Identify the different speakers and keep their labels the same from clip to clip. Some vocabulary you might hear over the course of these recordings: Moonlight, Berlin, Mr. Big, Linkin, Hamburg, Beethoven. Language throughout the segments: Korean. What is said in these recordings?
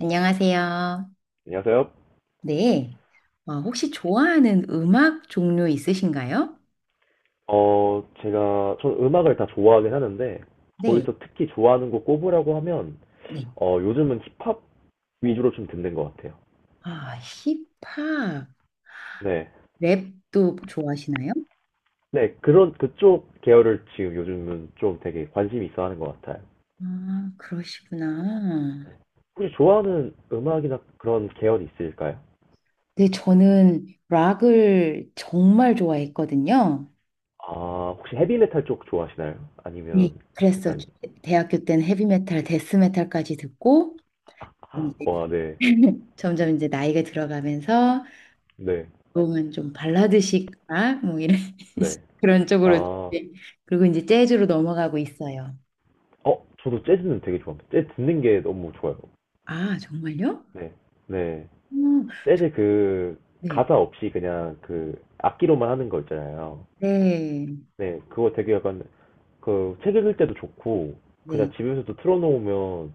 Speaker 1: 안녕하세요.
Speaker 2: 안녕하세요.
Speaker 1: 네. 혹시 좋아하는 음악 종류 있으신가요?
Speaker 2: 제가, 전 음악을 다 좋아하긴 하는데,
Speaker 1: 네.
Speaker 2: 거기서 특히 좋아하는 곡 꼽으라고 하면,
Speaker 1: 네.
Speaker 2: 요즘은 힙합 위주로 좀 듣는 것 같아요.
Speaker 1: 아, 힙합,
Speaker 2: 네.
Speaker 1: 랩도 좋아하시나요?
Speaker 2: 네, 그런, 그쪽 계열을 지금 요즘은 좀 되게 관심이 있어 하는 것 같아요.
Speaker 1: 아, 그러시구나.
Speaker 2: 혹시 좋아하는 음악이나 그런 계열이 있을까요?
Speaker 1: 네, 저는 락을 정말 좋아했거든요.
Speaker 2: 아, 혹시 헤비메탈 쪽 좋아하시나요?
Speaker 1: 네.
Speaker 2: 아니면
Speaker 1: 그래서
Speaker 2: 약간,
Speaker 1: 대학교 때는 헤비메탈, 데스메탈까지 듣고,
Speaker 2: 아,
Speaker 1: 이제
Speaker 2: 와, 네,
Speaker 1: 점점 이제 나이가 들어가면서
Speaker 2: 네,
Speaker 1: 그러면 좀 발라드식, 아, 뭐 이런
Speaker 2: 네.
Speaker 1: 그런
Speaker 2: 아,
Speaker 1: 쪽으로
Speaker 2: 어,
Speaker 1: 이제, 그리고 이제 재즈로 넘어가고 있어요.
Speaker 2: 저도 재즈는 되게 좋아합니다. 재즈 듣는 게 너무 좋아요.
Speaker 1: 아, 정말요?
Speaker 2: 네, 네.
Speaker 1: 음,
Speaker 2: 재즈 그
Speaker 1: 네.
Speaker 2: 가사 없이 그냥 그 악기로만 하는 거 있잖아요.
Speaker 1: 네.
Speaker 2: 네, 그거 되게 약간 그 책 읽을 때도 좋고 그냥
Speaker 1: 네.
Speaker 2: 집에서도 틀어놓으면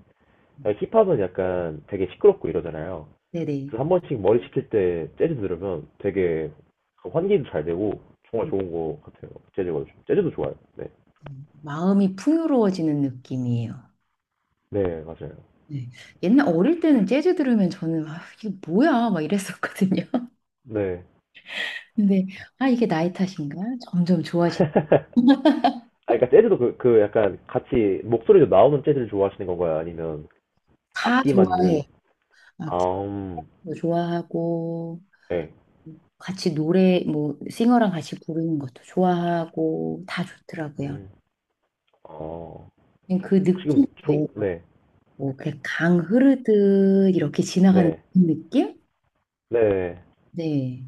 Speaker 2: 힙합은 약간 되게 시끄럽고 이러잖아요.
Speaker 1: 네, 네.
Speaker 2: 그래서 한 번씩 머리 식힐 때 재즈 들으면 되게 그 환기도 잘 되고 정말
Speaker 1: 음,
Speaker 2: 좋은 거 같아요. 재즈가 요즘. 재즈도 좋아요. 네,
Speaker 1: 마음이 풍요로워지는 느낌이에요.
Speaker 2: 네 맞아요.
Speaker 1: 네. 옛날 어릴 때는 재즈 들으면 저는, 아, 이게 뭐야? 막 이랬었거든요.
Speaker 2: 네.
Speaker 1: 근데 아, 이게 나이 탓인가? 점점 좋아지고
Speaker 2: 아, 그러니까 재즈도 그, 그 약간 같이 목소리도 나오는 재즈를 좋아하시는 건가요? 아니면
Speaker 1: 다
Speaker 2: 악기만 있는?
Speaker 1: 좋아해.
Speaker 2: 아,
Speaker 1: 악기도 좋아하고,
Speaker 2: 네.
Speaker 1: 같이 노래, 뭐, 싱어랑 같이 부르는 것도 좋아하고, 다 좋더라고요.
Speaker 2: 음. 어.
Speaker 1: 그냥 그
Speaker 2: 지금
Speaker 1: 느낌
Speaker 2: 조,
Speaker 1: 외에,
Speaker 2: 네.
Speaker 1: 뭐, 그강 흐르듯 이렇게 지나가는
Speaker 2: 네.
Speaker 1: 그 느낌?
Speaker 2: 네.
Speaker 1: 네.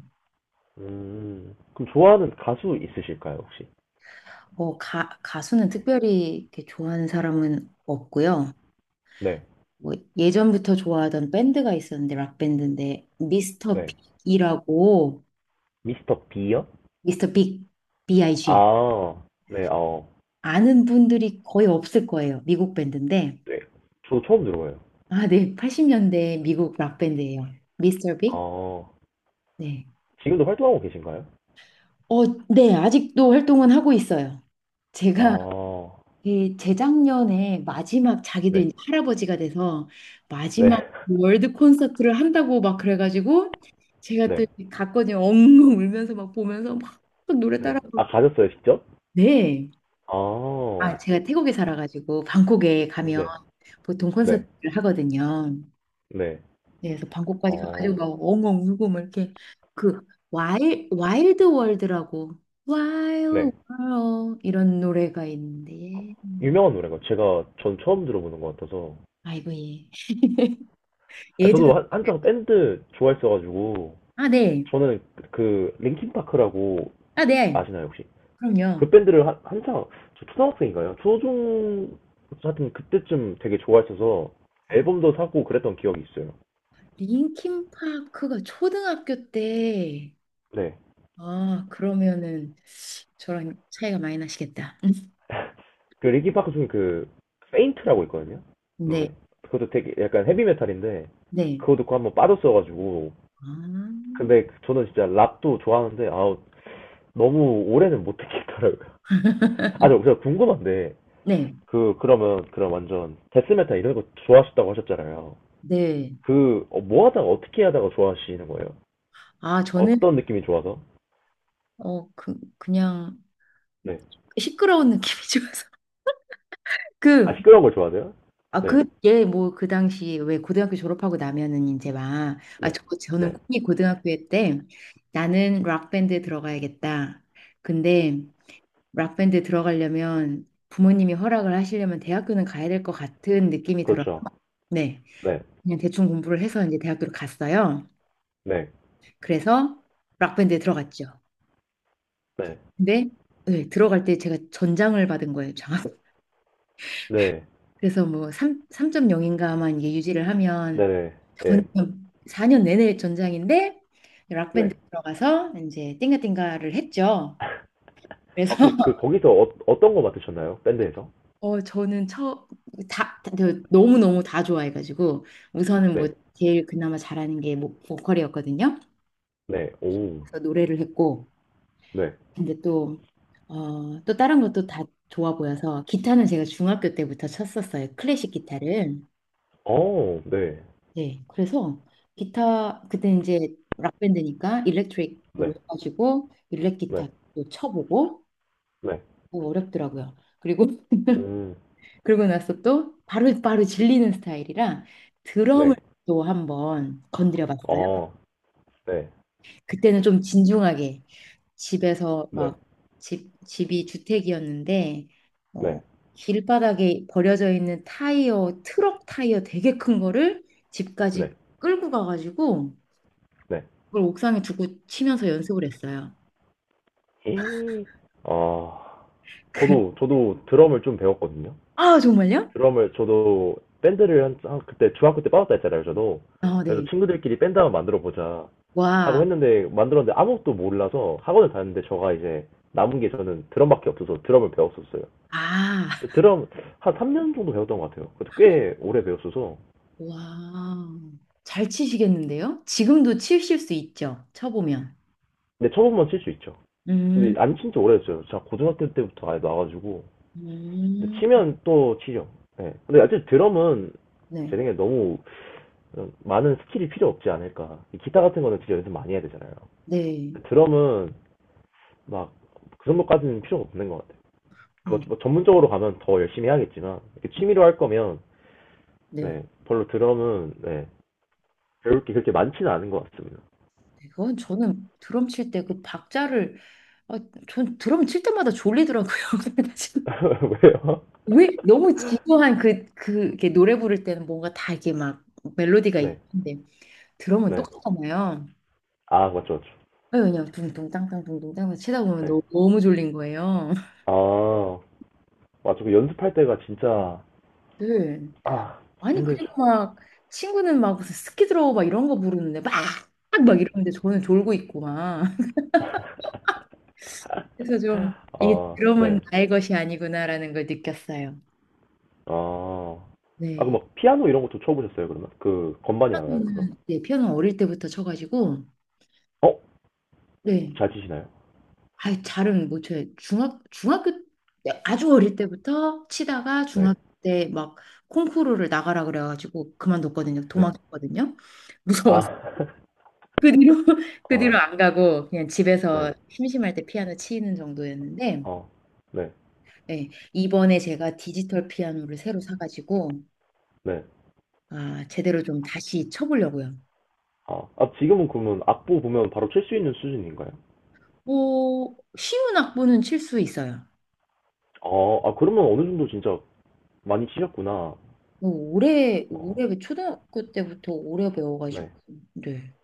Speaker 2: 음. 그럼 좋아하는 가수 있으실까요, 혹시?
Speaker 1: 어, 가수는 특별히 이렇게 좋아하는 사람은 없고요.
Speaker 2: 네.
Speaker 1: 뭐, 예전부터 좋아하던 밴드가 있었는데, 락밴드인데, 미스터
Speaker 2: 네.
Speaker 1: 빅이라고,
Speaker 2: 미스터 b 요
Speaker 1: 미스터 빅, B.I.G.
Speaker 2: 아. 네. 어.
Speaker 1: 아는 분들이 거의 없을 거예요. 미국 밴드인데.
Speaker 2: 네. 저도 처음 들어봐요.
Speaker 1: 아, 네. 80년대 미국 락밴드예요. 미스터 빅,
Speaker 2: 아.
Speaker 1: 네.
Speaker 2: 지금도 활동하고 계신가요?
Speaker 1: 어, 네, 아직도 활동은 하고 있어요. 제가
Speaker 2: 아.
Speaker 1: 이 재작년에 마지막, 자기들
Speaker 2: 네.
Speaker 1: 이제 할아버지가 돼서
Speaker 2: 네.
Speaker 1: 마지막 월드 콘서트를 한다고 막 그래가지고 제가 또
Speaker 2: 네.
Speaker 1: 이 갔거든요. 엉엉 울면서 막 보면서 막 노래
Speaker 2: 네.
Speaker 1: 따라
Speaker 2: 아,
Speaker 1: 부르고.
Speaker 2: 가셨어요, 직접?
Speaker 1: 네.
Speaker 2: 아.
Speaker 1: 아, 제가 태국에 살아가지고 방콕에 가면
Speaker 2: 네.
Speaker 1: 보통
Speaker 2: 네.
Speaker 1: 콘서트를 하거든요.
Speaker 2: 네.
Speaker 1: 네, 그래서 방콕까지
Speaker 2: 어.
Speaker 1: 가가지고 막 엉엉 울고 막 이렇게 그 와일드 월드라고, 와일드
Speaker 2: 네.
Speaker 1: 월드 이런 노래가 있는데 예.
Speaker 2: 유명한 노래가 제가 전 처음 들어보는 것 같아서.
Speaker 1: 아이고 예,
Speaker 2: 아,
Speaker 1: 예전,
Speaker 2: 저도 한, 한창 밴드 좋아했어가지고
Speaker 1: 아네아네,
Speaker 2: 저는 그 L I N 라고 아시나요 혹시? 그
Speaker 1: 그럼요.
Speaker 2: 밴드를 한, 한창 저 초등학생인가요? 초중 하여튼 그때쯤 되게 좋아했어서
Speaker 1: 음.
Speaker 2: 앨범도 사고 그랬던 기억이 있어요.
Speaker 1: linkin 가 초등학교 때,
Speaker 2: 네.
Speaker 1: 아 그러면은 저랑 차이가 많이 나시겠다.
Speaker 2: 그 링킨 파크 중에 그 페인트라고 있거든요. 노래.
Speaker 1: 네
Speaker 2: 그것도 되게 약간 헤비메탈인데
Speaker 1: 네.
Speaker 2: 그거 듣고 한번 빠졌어가지고
Speaker 1: 아,
Speaker 2: 근데 저는 진짜 랍도 좋아하는데 아 너무 오래는 못 듣겠더라고요. 아, 저, 저 궁금한데
Speaker 1: 네,
Speaker 2: 그 그러면 그럼 완전 데스메타 이런 거 좋아하셨다고 하셨잖아요.
Speaker 1: 네.
Speaker 2: 그 뭐 하다가 어떻게 하다가 좋아하시는 거예요?
Speaker 1: 아, 저는,
Speaker 2: 어떤 느낌이 좋아서?
Speaker 1: 어, 그냥
Speaker 2: 네.
Speaker 1: 시끄러운 느낌이 좋아서.
Speaker 2: 아
Speaker 1: 그,
Speaker 2: 시끄러운 걸 좋아하세요?
Speaker 1: 아,
Speaker 2: 네.
Speaker 1: 그, 얘, 뭐, 그 당시, 왜 고등학교 졸업하고 나면은 이제 막, 아,
Speaker 2: 네.
Speaker 1: 저는
Speaker 2: 네.
Speaker 1: 꿈이 고등학교 때 나는 락밴드에 들어가야겠다. 근데 락밴드에 들어가려면 부모님이 허락을 하시려면 대학교는 가야 될 것 같은 느낌이 들어서,
Speaker 2: 그렇죠.
Speaker 1: 네.
Speaker 2: 네.
Speaker 1: 그냥 대충 공부를 해서 이제 대학교를 갔어요.
Speaker 2: 네.
Speaker 1: 그래서 락밴드에 들어갔죠.
Speaker 2: 네.
Speaker 1: 근데, 네, 들어갈 때 제가 전장을 받은 거예요.
Speaker 2: 네.
Speaker 1: 그래서 뭐 3, 점0인가만 이게 유지를
Speaker 2: 네.
Speaker 1: 하면
Speaker 2: 네.
Speaker 1: 전
Speaker 2: 네.
Speaker 1: 4년 내내 전장인데 락밴드
Speaker 2: 네.
Speaker 1: 들어가서 이제 띵가띵가를 했죠.
Speaker 2: 아,
Speaker 1: 그래서
Speaker 2: 혹시 그 거기서 어떤 거 맡으셨나요? 밴드에서?
Speaker 1: 어 저는 처다 너무 너무 다 좋아해가지고 우선은 뭐
Speaker 2: 네.
Speaker 1: 제일 그나마 잘하는 게 뭐, 보컬이었거든요.
Speaker 2: 네. 오.
Speaker 1: 그래서 노래를 했고
Speaker 2: 네.
Speaker 1: 근데 또 어, 또 다른 것도 다 좋아 보여서, 기타는 제가 중학교 때부터 쳤었어요. 클래식 기타를.
Speaker 2: 어. 네.
Speaker 1: 네, 그래서 기타 그때 이제 락밴드니까
Speaker 2: 네.
Speaker 1: 일렉트릭으로 해가지고 일렉
Speaker 2: 네.
Speaker 1: 기타도 쳐보고
Speaker 2: 네.
Speaker 1: 어, 어렵더라고요. 그리고
Speaker 2: 음.
Speaker 1: 그러고 나서 또 바로바로 질리는 스타일이라 드럼을
Speaker 2: 네.
Speaker 1: 또 한번 건드려 봤어요.
Speaker 2: 어. 네.
Speaker 1: 그때는 좀 진중하게 집에서
Speaker 2: 네.
Speaker 1: 막, 집이 주택이었는데 어,
Speaker 2: 네.
Speaker 1: 길바닥에 버려져 있는 타이어, 트럭 타이어 되게 큰 거를 집까지
Speaker 2: 네.
Speaker 1: 끌고 가가지고
Speaker 2: 네.
Speaker 1: 그걸 옥상에 두고 치면서 연습을 했어요.
Speaker 2: 예. 아,
Speaker 1: 그,
Speaker 2: 저도, 저도 드럼을 좀 배웠거든요.
Speaker 1: 아, 정말요?
Speaker 2: 드럼을, 저도 밴드를 한, 그때 중학교 때 빠졌다 했잖아요, 저도.
Speaker 1: 어,
Speaker 2: 그래서
Speaker 1: 네.
Speaker 2: 친구들끼리 밴드 한번 만들어 보자 하고
Speaker 1: 와,
Speaker 2: 했는데, 만들었는데 아무것도 몰라서 학원을 다녔는데, 저가 이제 남은 게 저는 드럼밖에 없어서 드럼을 배웠었어요.
Speaker 1: 아,
Speaker 2: 근데 드럼 한 3년 정도 배웠던 것 같아요. 그래도 꽤 오래 배웠어서.
Speaker 1: 와. 잘 치시겠는데요? 지금도 치실 수 있죠? 쳐보면.
Speaker 2: 근데 처음만 칠 수 있죠.
Speaker 1: 음,
Speaker 2: 근데 안 친지 오래됐어요. 제가 고등학교 때부터 아예 나와가지고.
Speaker 1: 음,
Speaker 2: 치면 또 치죠. 네. 근데 어쨌든 드럼은 제
Speaker 1: 네,
Speaker 2: 생각에 너무 많은 스킬이 필요 없지 않을까. 기타 같은 거는 진짜 연습 많이 해야 되잖아요.
Speaker 1: 네.
Speaker 2: 드럼은 막 그 정도까지는 필요가 없는 것 같아요. 그
Speaker 1: 음,
Speaker 2: 뭐 전문적으로 가면 더 열심히 해야겠지만 이렇게
Speaker 1: 네.
Speaker 2: 취미로 할 거면
Speaker 1: 네,
Speaker 2: 네, 별로 드럼은 네, 배울 게 그렇게 많지는 않은 것 같습니다.
Speaker 1: 그건 저는 드럼 칠 때 그 박자를, 아, 전 드럼 칠 때마다 졸리더라고요. 그래가지고
Speaker 2: 왜요?
Speaker 1: 왜 너무 지루한 그, 그, 이렇게 노래 부를 때는 뭔가 다 이게 막 멜로디가
Speaker 2: 네,
Speaker 1: 있는데 드럼은
Speaker 2: 네.
Speaker 1: 똑같잖아요.
Speaker 2: 아, 맞죠, 맞죠.
Speaker 1: 아니, 그냥 둥둥 땅땅 둥둥 땅땅 치다 보면
Speaker 2: 네.
Speaker 1: 너무 너무 졸린 거예요.
Speaker 2: 아, 맞죠. 그 연습할 때가 진짜,
Speaker 1: 네.
Speaker 2: 아,
Speaker 1: 아니
Speaker 2: 힘들죠.
Speaker 1: 그리고 막 친구는 막 무슨 스키 들어 막 이런 거 부르는데 막
Speaker 2: 네.
Speaker 1: 막 이러는데 저는 졸고 있고 막 그래서 좀 이
Speaker 2: 아,
Speaker 1: 드럼은
Speaker 2: 네.
Speaker 1: 나의 것이 아니구나라는 걸 느꼈어요.
Speaker 2: 아, 아, 그
Speaker 1: 네.
Speaker 2: 막 피아노 이런 것도 쳐보셨어요, 그러면? 그 건반이 나가요, 그거?
Speaker 1: 피아노는, 네, 피아노 어릴 때부터 쳐가지고
Speaker 2: 어?
Speaker 1: 네.
Speaker 2: 잘 치시나요?
Speaker 1: 아, 잘은 못 쳐요. 중학교 때, 아주 어릴 때부터 치다가
Speaker 2: 네,
Speaker 1: 중학교 때 막 콩쿠르를 나가라 그래가지고 그만뒀거든요.
Speaker 2: 네.
Speaker 1: 도망쳤거든요.
Speaker 2: 아,
Speaker 1: 무서워서. 그 뒤로 그 뒤로
Speaker 2: 아,
Speaker 1: 안 가고 그냥 집에서
Speaker 2: 네,
Speaker 1: 심심할 때 피아노 치는 정도였는데,
Speaker 2: 어, 네,
Speaker 1: 예, 이번에 제가 디지털 피아노를 새로 사가지고
Speaker 2: 네.
Speaker 1: 아, 제대로 좀 다시 쳐보려고요.
Speaker 2: 아, 아, 지금은 그러면 악보 보면 바로 칠 수 있는 수준인가요?
Speaker 1: 오, 쉬운 악보는 칠 수 있어요.
Speaker 2: 어, 아, 그러면 어느 정도 진짜 많이 치셨구나.
Speaker 1: 오, 오래
Speaker 2: 어,
Speaker 1: 오래 그 초등학교 때부터 오래 배워가지고
Speaker 2: 네.
Speaker 1: 네.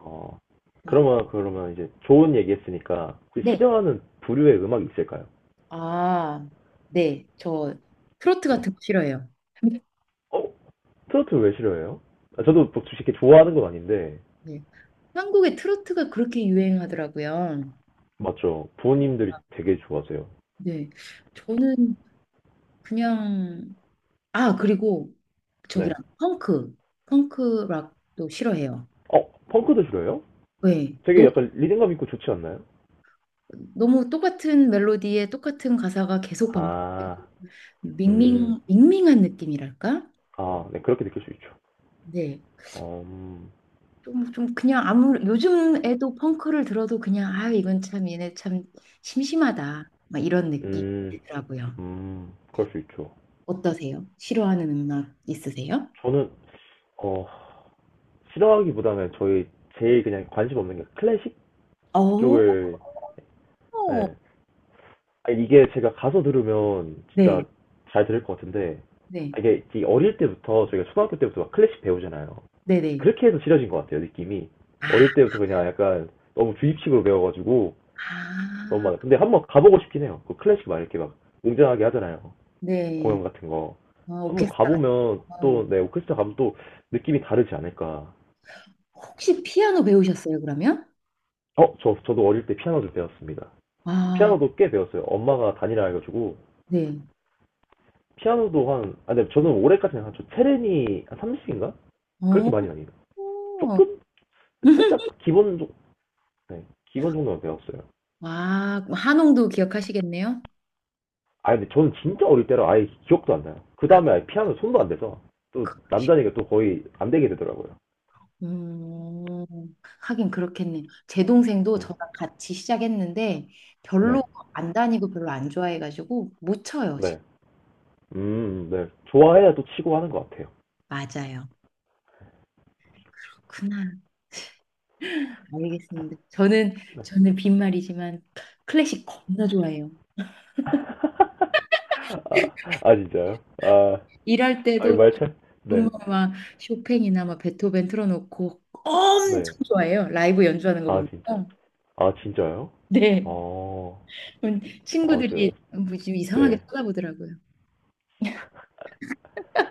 Speaker 2: 어,
Speaker 1: 음.
Speaker 2: 그러면, 그러면 이제 좋은 얘기 했으니까, 혹시
Speaker 1: 네.
Speaker 2: 싫어하는 부류의 음악이 있을까요?
Speaker 1: 아, 네. 저 트로트
Speaker 2: 네.
Speaker 1: 같은 거 싫어해요.
Speaker 2: 어? 트로트 왜 싫어해요? 아, 저도 뭐 이렇게 좋아하는 건 아닌데,
Speaker 1: 네. 한국에 트로트가 그렇게 유행하더라고요.
Speaker 2: 맞죠. 부모님들이 되게 좋아하세요.
Speaker 1: 네. 저는 그냥, 아 그리고
Speaker 2: 네.
Speaker 1: 저기랑 펑크, 펑크 락도 싫어해요.
Speaker 2: 어, 펑크도 들어요?
Speaker 1: 왜?
Speaker 2: 되게
Speaker 1: 너,
Speaker 2: 약간 리듬감 있고 좋지 않나요?
Speaker 1: 너무 똑같은 멜로디에 똑같은 가사가 계속 반복,
Speaker 2: 아, 음,
Speaker 1: 밍밍 밍밍한 느낌이랄까?
Speaker 2: 아, 네, 그렇게 느낄 수 있죠.
Speaker 1: 네.
Speaker 2: 어,
Speaker 1: 좀 좀 그냥 아무 요즘 애도 펑크를 들어도 그냥 아 이건 참 얘네 참 심심하다. 막 이런
Speaker 2: 음,
Speaker 1: 느낌이더라고요.
Speaker 2: 그럴 수 있죠.
Speaker 1: 어떠세요? 싫어하는 음악 있으세요?
Speaker 2: 저는, 어, 싫어하기보다는 저희 제일 그냥 관심 없는 게 클래식
Speaker 1: 어.
Speaker 2: 쪽을, 예. 아, 이게 제가 가서 들으면
Speaker 1: 네.
Speaker 2: 진짜 잘 들을 것 같은데,
Speaker 1: 네.
Speaker 2: 아, 이게 이 어릴 때부터 저희가 초등학교 때부터 막 클래식 배우잖아요.
Speaker 1: 네네.
Speaker 2: 그렇게 해서 싫어진 것 같아요, 느낌이.
Speaker 1: 아.
Speaker 2: 어릴 때부터 그냥 약간 너무 주입식으로 배워가지고 너무
Speaker 1: 아.
Speaker 2: 많아. 근데 한번 가보고 싶긴 해요. 그 클래식 막 이렇게 막 웅장하게 하잖아요.
Speaker 1: 네.
Speaker 2: 공연 같은 거.
Speaker 1: 어,
Speaker 2: 한번
Speaker 1: 오케스트라 같은
Speaker 2: 가보면
Speaker 1: 거.
Speaker 2: 또, 네, 오케스트라 가면 또 느낌이 다르지 않을까.
Speaker 1: 혹시 피아노 배우셨어요, 그러면?
Speaker 2: 어, 저, 저도 어릴 때 피아노 좀 배웠습니다.
Speaker 1: 아,
Speaker 2: 피아노도 꽤 배웠어요. 엄마가 다니라 해가지고.
Speaker 1: 네.
Speaker 2: 피아노도 한, 아, 근데 저는 올해까지는 한, 저 체르니 한 30인가?
Speaker 1: 어.
Speaker 2: 그렇게 많이 아니에요. 조금, 살짝 기본, 네, 기본 정도만 배웠어요.
Speaker 1: 와, 그럼 한홍도 기억하시겠네요?
Speaker 2: 아 근데 저는 진짜 어릴 때라 아예 기억도 안 나요. 그
Speaker 1: 아,
Speaker 2: 다음에 아예 피아노 손도 안 대서 또
Speaker 1: 그-
Speaker 2: 남자니까 또 거의 안 되게 되더라고요.
Speaker 1: 음, 하긴 그렇겠네요. 제 동생도
Speaker 2: 네,
Speaker 1: 저랑 같이 시작했는데 별로
Speaker 2: 네,
Speaker 1: 안 다니고 별로 안 좋아해가지고 못 쳐요,
Speaker 2: 네,
Speaker 1: 지금.
Speaker 2: 네. 좋아해야 또 치고 하는 것 같아요.
Speaker 1: 맞아요. 그나 알겠습니다. 저는 빈말이지만 클래식 겁나 좋아해요.
Speaker 2: 아, 아 진짜요? 아,
Speaker 1: 일할
Speaker 2: 아
Speaker 1: 때도
Speaker 2: 말차? 네,
Speaker 1: 정말 막 쇼팽이나 막 베토벤 틀어놓고
Speaker 2: 네.
Speaker 1: 엄청 좋아해요. 라이브 연주하는 거 보
Speaker 2: 아
Speaker 1: 면
Speaker 2: 진,
Speaker 1: 서
Speaker 2: 아 진짜요?
Speaker 1: 네.
Speaker 2: 어, 아 저요.
Speaker 1: 친구들이 뭐좀 이상하게
Speaker 2: 네.
Speaker 1: 쳐다보더라고요.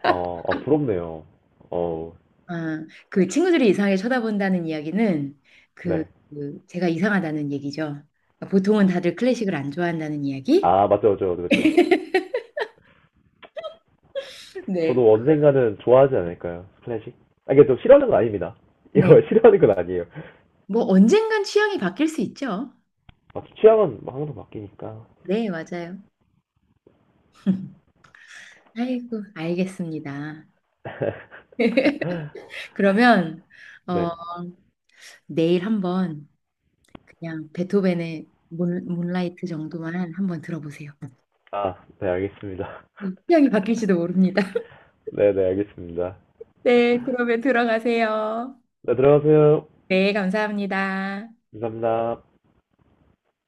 Speaker 2: 아, 아 부럽네요. 어,
Speaker 1: 아, 그 친구들이 이상하게 쳐다본다는 이야기는 그,
Speaker 2: 네.
Speaker 1: 그 제가 이상하다는 얘기죠. 그러니까 보통은 다들 클래식을 안 좋아한다는 이야기?
Speaker 2: 아 맞죠, 맞죠, 맞죠.
Speaker 1: 네.
Speaker 2: 저도 언젠가는 좋아하지 않을까요? 클래식? 아, 이게 좀 싫어하는 건 아닙니다.
Speaker 1: 네.
Speaker 2: 이거 싫어하는 건 아니에요.
Speaker 1: 뭐 언젠간 취향이 바뀔 수 있죠.
Speaker 2: 아, 취향은 막 항상 바뀌니까.
Speaker 1: 네, 맞아요. 아이고, 알겠습니다. 그러면, 어,
Speaker 2: 네.
Speaker 1: 내일 한번 그냥 베토벤의 문라이트 정도만 한번 들어보세요.
Speaker 2: 아, 네, 알겠습니다.
Speaker 1: 취향이 바뀔지도 모릅니다.
Speaker 2: 네, 네, 알겠습니다.
Speaker 1: 네, 그러면 들어가세요.
Speaker 2: 네, 들어가세요.
Speaker 1: 네, 감사합니다.
Speaker 2: 감사합니다.